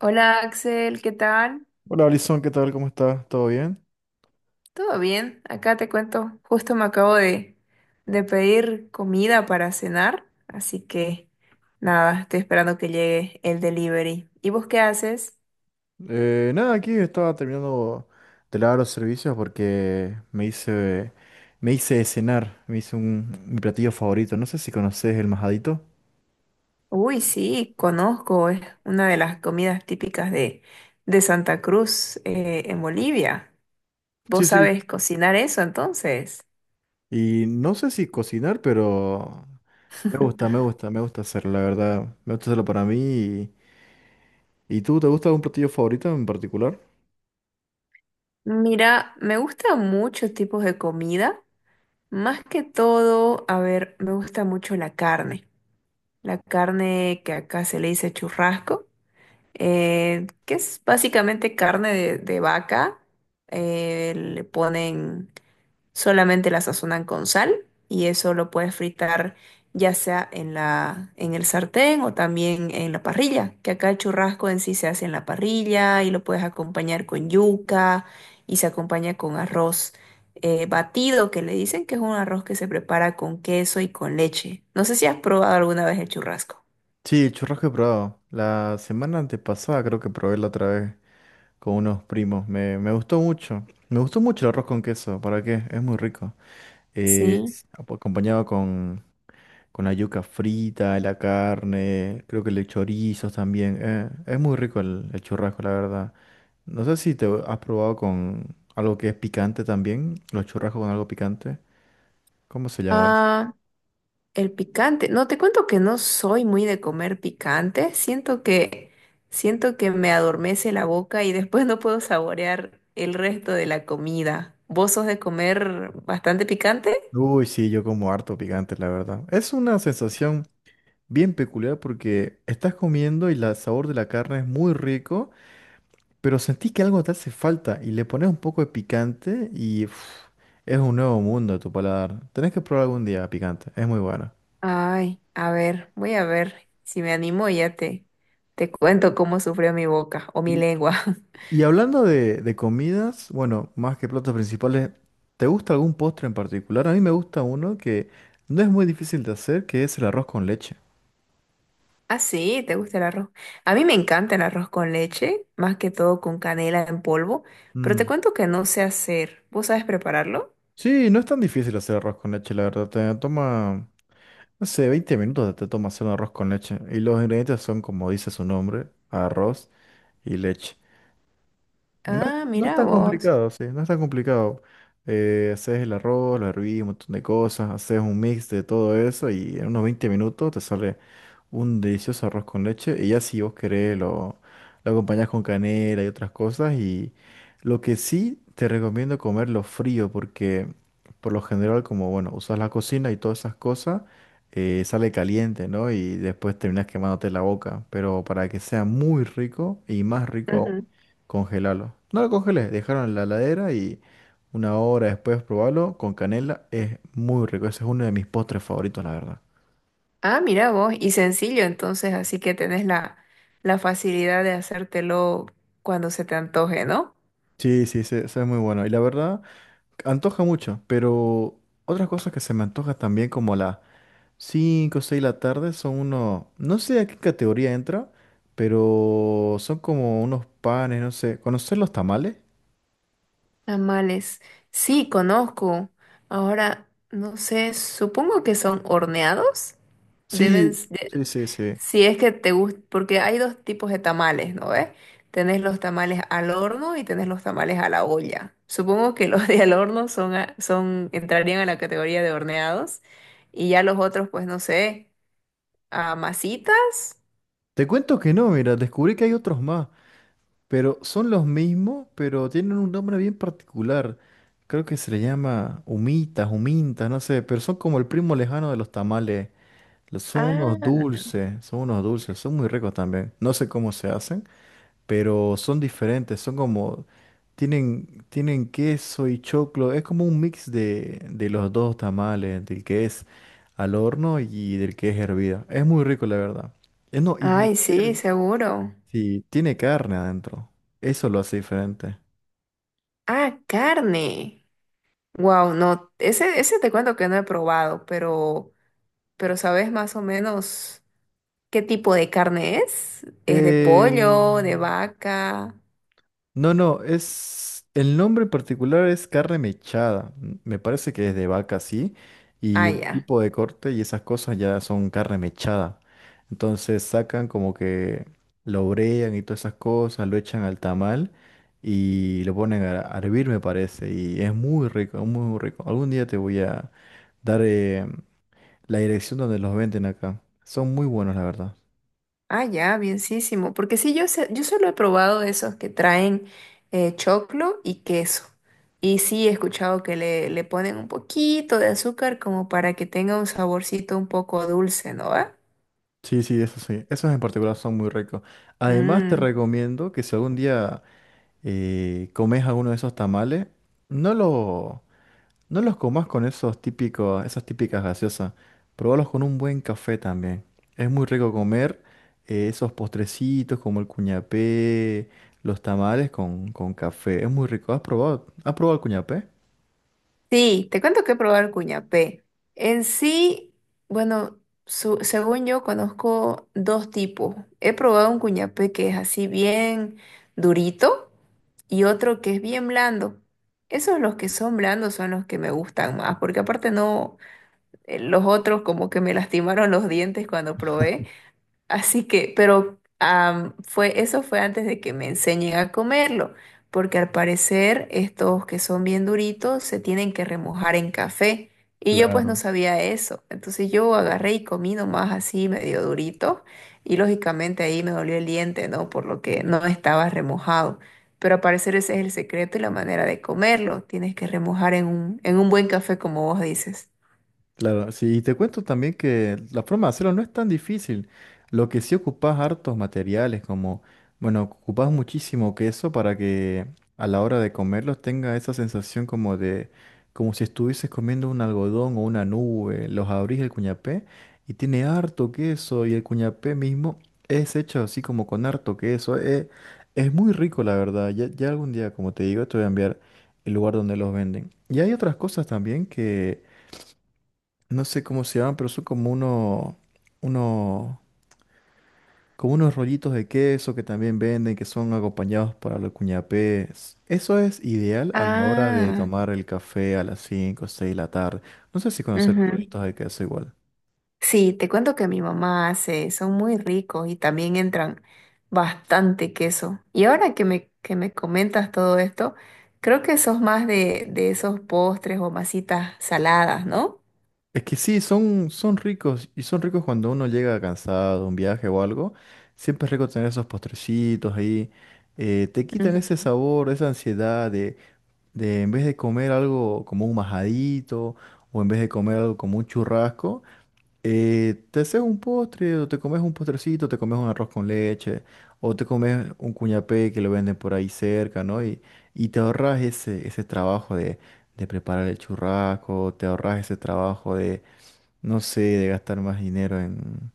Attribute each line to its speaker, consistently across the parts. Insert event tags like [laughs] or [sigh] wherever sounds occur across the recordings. Speaker 1: Hola Axel, ¿qué tal?
Speaker 2: Hola Alison, ¿qué tal? ¿Cómo estás? ¿Todo bien?
Speaker 1: ¿Todo bien? Acá te cuento, justo me acabo de pedir comida para cenar, así que nada, estoy esperando que llegue el delivery. ¿Y vos qué haces?
Speaker 2: Nada, aquí estaba terminando de lavar los servicios porque me hice de cenar, mi platillo favorito. No sé si conoces el majadito.
Speaker 1: Uy, sí, conozco, es una de las comidas típicas de Santa Cruz, en Bolivia.
Speaker 2: Sí,
Speaker 1: ¿Vos
Speaker 2: sí.
Speaker 1: sabes cocinar eso entonces?
Speaker 2: Y no sé si cocinar, pero me gusta hacerlo, la verdad. Me gusta hacerlo para mí. Y tú, te gusta algún platillo favorito en particular?
Speaker 1: Mira, me gustan muchos tipos de comida, más que todo, a ver, me gusta mucho la carne. La carne que acá se le dice churrasco, que es básicamente carne de vaca. eh, le ponen, Solamente la sazonan con sal y eso lo puedes fritar ya sea en en el sartén o también en la parrilla, que acá el churrasco en sí se hace en la parrilla y lo puedes acompañar con yuca y se acompaña con arroz. Batido que le dicen, que es un arroz que se prepara con queso y con leche. No sé si has probado alguna vez el churrasco.
Speaker 2: Sí, churrasco he probado. La semana antepasada creo que probé la otra vez con unos primos. Me gustó mucho. Me gustó mucho el arroz con queso. ¿Para qué? Es muy rico.
Speaker 1: Sí.
Speaker 2: Es acompañado con la yuca frita, la carne, creo que le chorizos también. Es muy rico el churrasco, la verdad. No sé si te has probado con algo que es picante también. Los churrascos con algo picante. ¿Cómo se llama eso?
Speaker 1: Ah, el picante. No, te cuento que no soy muy de comer picante. Siento que me adormece la boca y después no puedo saborear el resto de la comida. ¿Vos sos de comer bastante picante?
Speaker 2: Uy, sí, yo como harto picante, la verdad. Es una sensación bien peculiar porque estás comiendo y el sabor de la carne es muy rico, pero sentís que algo te hace falta y le pones un poco de picante y uf, es un nuevo mundo a tu paladar. Tenés que probar algún día picante, es muy bueno.
Speaker 1: Ay, a ver, voy a ver si me animo y ya te cuento cómo sufrió mi boca o mi
Speaker 2: Y,
Speaker 1: lengua. [laughs]
Speaker 2: y hablando de comidas, bueno, más que platos principales, ¿te gusta algún postre en particular? A mí me gusta uno que no es muy difícil de hacer, que es el arroz con leche.
Speaker 1: Ah, sí, ¿te gusta el arroz? A mí me encanta el arroz con leche, más que todo con canela en polvo, pero te
Speaker 2: Mm.
Speaker 1: cuento que no sé hacer. ¿Vos sabes prepararlo?
Speaker 2: Sí, no es tan difícil hacer arroz con leche, la verdad. Te toma, no sé, 20 minutos te toma hacer un arroz con leche. Y los ingredientes son, como dice su nombre, arroz y leche. No,
Speaker 1: Ah,
Speaker 2: no es
Speaker 1: mira
Speaker 2: tan
Speaker 1: vos.
Speaker 2: complicado, sí, no es tan complicado. Haces el arroz, lo hervís, un montón de cosas, haces un mix de todo eso y en unos 20 minutos te sale un delicioso arroz con leche. Y ya si vos querés lo acompañás con canela y otras cosas. Y lo que sí te recomiendo comerlo frío porque por lo general como, bueno, usas la cocina y todas esas cosas, sale caliente, ¿no? Y después terminas quemándote la boca. Pero para que sea muy rico y más rico aún
Speaker 1: Ujú.
Speaker 2: congelarlo. No lo congelé, dejaron en la heladera y una hora después probarlo con canela. Es muy rico, ese es uno de mis postres favoritos, la verdad.
Speaker 1: Ah, mira vos. Y sencillo, entonces, así que tenés la facilidad de hacértelo cuando se te antoje, ¿no?
Speaker 2: Sí, sí, sí, eso es muy bueno. Y la verdad, antoja mucho, pero otras cosas que se me antoja también como a las 5 o 6 de la tarde son unos, no sé a qué categoría entra, pero son como unos panes, no sé. ¿Conocer los tamales?
Speaker 1: Tamales. Sí, conozco. Ahora, no sé, supongo que son horneados. Deben,
Speaker 2: Sí,
Speaker 1: s-
Speaker 2: sí, sí, sí.
Speaker 1: Si es que te gusta, porque hay dos tipos de tamales, ¿no ves? Tenés los tamales al horno y tenés los tamales a la olla. Supongo que [laughs] los de al horno entrarían a la categoría de horneados, y ya los otros, pues no sé, a masitas.
Speaker 2: Te cuento que no, mira, descubrí que hay otros más. Pero son los mismos, pero tienen un nombre bien particular. Creo que se le llama humitas, humintas, no sé, pero son como el primo lejano de los tamales. Son unos
Speaker 1: Ah,
Speaker 2: dulces, son unos dulces, son muy ricos también. No sé cómo se hacen, pero son diferentes, son como, tienen queso y choclo, es como un mix de los dos tamales, del que es al horno y del que es hervida. Es muy rico, la verdad. No,
Speaker 1: ay, sí,
Speaker 2: inclusive
Speaker 1: seguro.
Speaker 2: sí, tiene carne adentro. Eso lo hace diferente.
Speaker 1: Ah, carne. Wow, no, ese te cuento que no he probado, pero ¿sabes más o menos qué tipo de carne es? ¿Es de
Speaker 2: Eh,
Speaker 1: pollo, de vaca?
Speaker 2: no, es... El nombre en particular es carne mechada. Me parece que es de vaca, sí. Y
Speaker 1: Ah,
Speaker 2: el
Speaker 1: ya.
Speaker 2: tipo de corte y esas cosas ya son carne mechada. Entonces sacan como que lo brean y todas esas cosas, lo echan al tamal y lo ponen a hervir, me parece. Y es muy rico, muy, muy rico. Algún día te voy a dar, la dirección donde los venden acá. Son muy buenos, la verdad.
Speaker 1: Ah, ya, bienísimo. Porque sí, sé- yo solo he probado esos que traen choclo y queso. Y sí, he escuchado que le ponen un poquito de azúcar como para que tenga un saborcito un poco dulce, ¿no va?
Speaker 2: Sí, sí, eso sí. Esos en particular son muy ricos. Además, te
Speaker 1: Mm.
Speaker 2: recomiendo que si algún día comes alguno de esos tamales, no, lo, no los comas con esos típicos, esas típicas gaseosas. Probalos con un buen café también. Es muy rico comer esos postrecitos como el cuñapé, los tamales con café. Es muy rico. ¿Has probado? ¿Has probado el cuñapé?
Speaker 1: Sí, te cuento que he probado el cuñapé. En sí, bueno, su- según yo conozco dos tipos. He probado un cuñapé que es así bien durito y otro que es bien blando. Esos los que son blandos son los que me gustan más, porque aparte no, los otros como que me [laughs] lastimaron los dientes cuando probé. Así que, eso fue antes de que me enseñen a comerlo, porque al parecer estos que son bien duritos se tienen que remojar en café. Y yo pues no
Speaker 2: Claro.
Speaker 1: sabía eso. Entonces yo agarré y comí nomás así medio durito y lógicamente ahí me dolió el diente, ¿no? Por lo que no estaba remojado. Pero al parecer ese es el secreto y la manera de comerlo. Tienes que remojar en en un buen café como vos dices.
Speaker 2: Claro, sí, y te cuento también que la forma de hacerlo no es tan difícil. Lo que sí ocupas hartos materiales, como, bueno, ocupas muchísimo queso para que a la hora de comerlos tenga esa sensación como de, como si estuvieses comiendo un algodón o una nube. Los abrís el cuñapé y tiene harto queso y el cuñapé mismo es hecho así como con harto queso. Es muy rico, la verdad. Ya algún día, como te digo, te voy a enviar el lugar donde los venden. Y hay otras cosas también que no sé cómo se llaman, pero son como uno, como unos rollitos de queso que también venden, que son acompañados para los cuñapés. Eso es ideal a la hora de
Speaker 1: Ah,
Speaker 2: tomar el café a las 5 o 6 de la tarde. No sé si conocer los
Speaker 1: ujú.
Speaker 2: rollitos de queso igual.
Speaker 1: Sí, te cuento que mi mamá hace, son muy ricos y también entran bastante queso. Y ahora que que me comentas todo esto, creo que sos más de esos postres o masitas saladas, ¿no?
Speaker 2: Es que sí, son, son ricos y son ricos cuando uno llega cansado de un viaje o algo. Siempre es rico tener esos postrecitos ahí. Eh, te quitan
Speaker 1: Ujú.
Speaker 2: ese sabor, esa ansiedad de en vez de comer algo como un majadito o en vez de comer algo como un churrasco, te haces un postre o te comes un postrecito, te comes un arroz con leche o te comes un cuñapé que lo venden por ahí cerca, ¿no? Y te ahorras ese trabajo de preparar el churrasco, te ahorras ese trabajo de, no sé, de gastar más dinero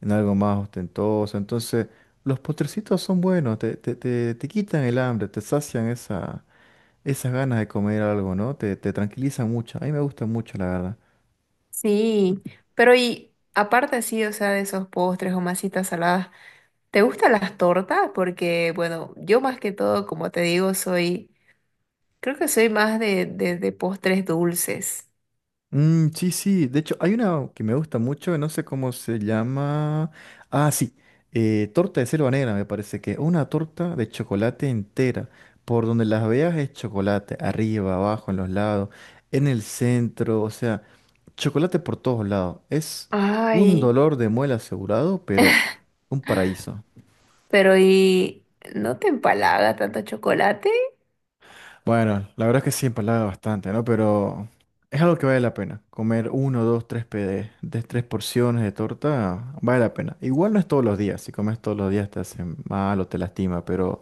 Speaker 2: en algo más ostentoso. Entonces, los postrecitos son buenos, te quitan el hambre, te sacian esas ganas de comer algo, ¿no? Te tranquiliza mucho. A mí me gusta mucho, la verdad.
Speaker 1: Sí, pero y aparte sí, o sea, de esos postres o masitas saladas, ¿te gustan las tortas? Porque, bueno, yo más que todo, como te digo, soy, creo que soy más de postres dulces.
Speaker 2: Mm, sí, sí. De hecho, hay una que me gusta mucho, no sé cómo se llama. Ah, sí. Eh, torta de selva negra, me parece que. Una torta de chocolate entera. Por donde las veas es chocolate. Arriba, abajo, en los lados, en el centro. O sea, chocolate por todos lados. Es un
Speaker 1: Ay.
Speaker 2: dolor de muela asegurado, pero un paraíso.
Speaker 1: Pero ¿y no te empalaga tanto chocolate?
Speaker 2: Bueno, la verdad es que sí empalaga bastante, ¿no? Pero es algo que vale la pena. Comer uno, dos, tres de tres porciones de torta vale la pena. Igual no es todos los días. Si comes todos los días te hace mal o te lastima, pero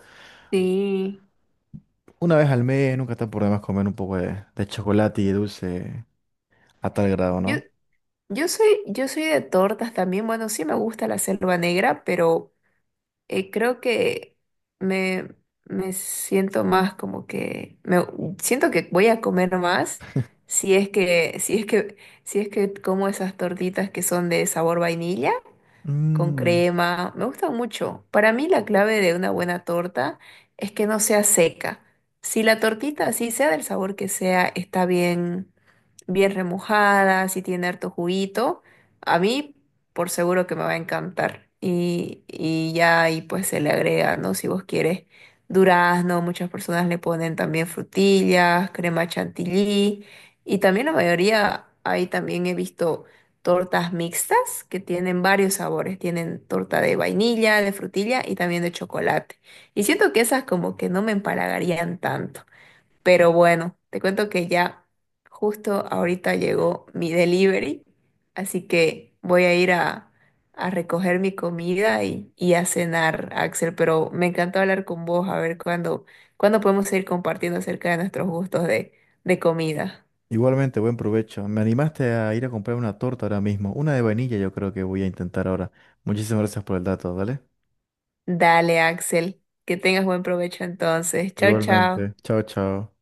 Speaker 1: Sí.
Speaker 2: una vez al mes nunca está por demás comer un poco de chocolate y dulce a tal grado,
Speaker 1: Yo,
Speaker 2: ¿no?
Speaker 1: yo soy de tortas también. Bueno, sí me gusta la selva negra, pero creo que me, me siento más como que me siento que voy a comer más
Speaker 2: [laughs]
Speaker 1: si es que, si es que, si es que como esas tortitas que son de sabor vainilla, con
Speaker 2: Mm,
Speaker 1: crema. Me gusta mucho. Para mí la clave de una buena torta es que no sea seca. Si la tortita, así sea del sabor que sea, está bien remojada, si tiene harto juguito, a mí por seguro que me va a encantar. Y ya ahí pues se le agrega, ¿no? Si vos quieres durazno, muchas personas le ponen también frutillas, crema chantilly, y también la mayoría, ahí también he visto tortas mixtas que tienen varios sabores, tienen torta de vainilla, de frutilla y también de chocolate. Y siento que esas como que no me empalagarían tanto. Pero bueno, te cuento que ya justo ahorita llegó mi delivery, así que voy a a recoger mi comida y a cenar, Axel. Pero me encantó hablar con vos, a ver cuándo podemos seguir compartiendo acerca de nuestros gustos de comida.
Speaker 2: igualmente, buen provecho. Me animaste a ir a comprar una torta ahora mismo. Una de vainilla yo creo que voy a intentar ahora. Muchísimas gracias por el dato, ¿vale?
Speaker 1: Dale, Axel, que tengas buen provecho entonces. Chao, chao.
Speaker 2: Igualmente. Chao, chao.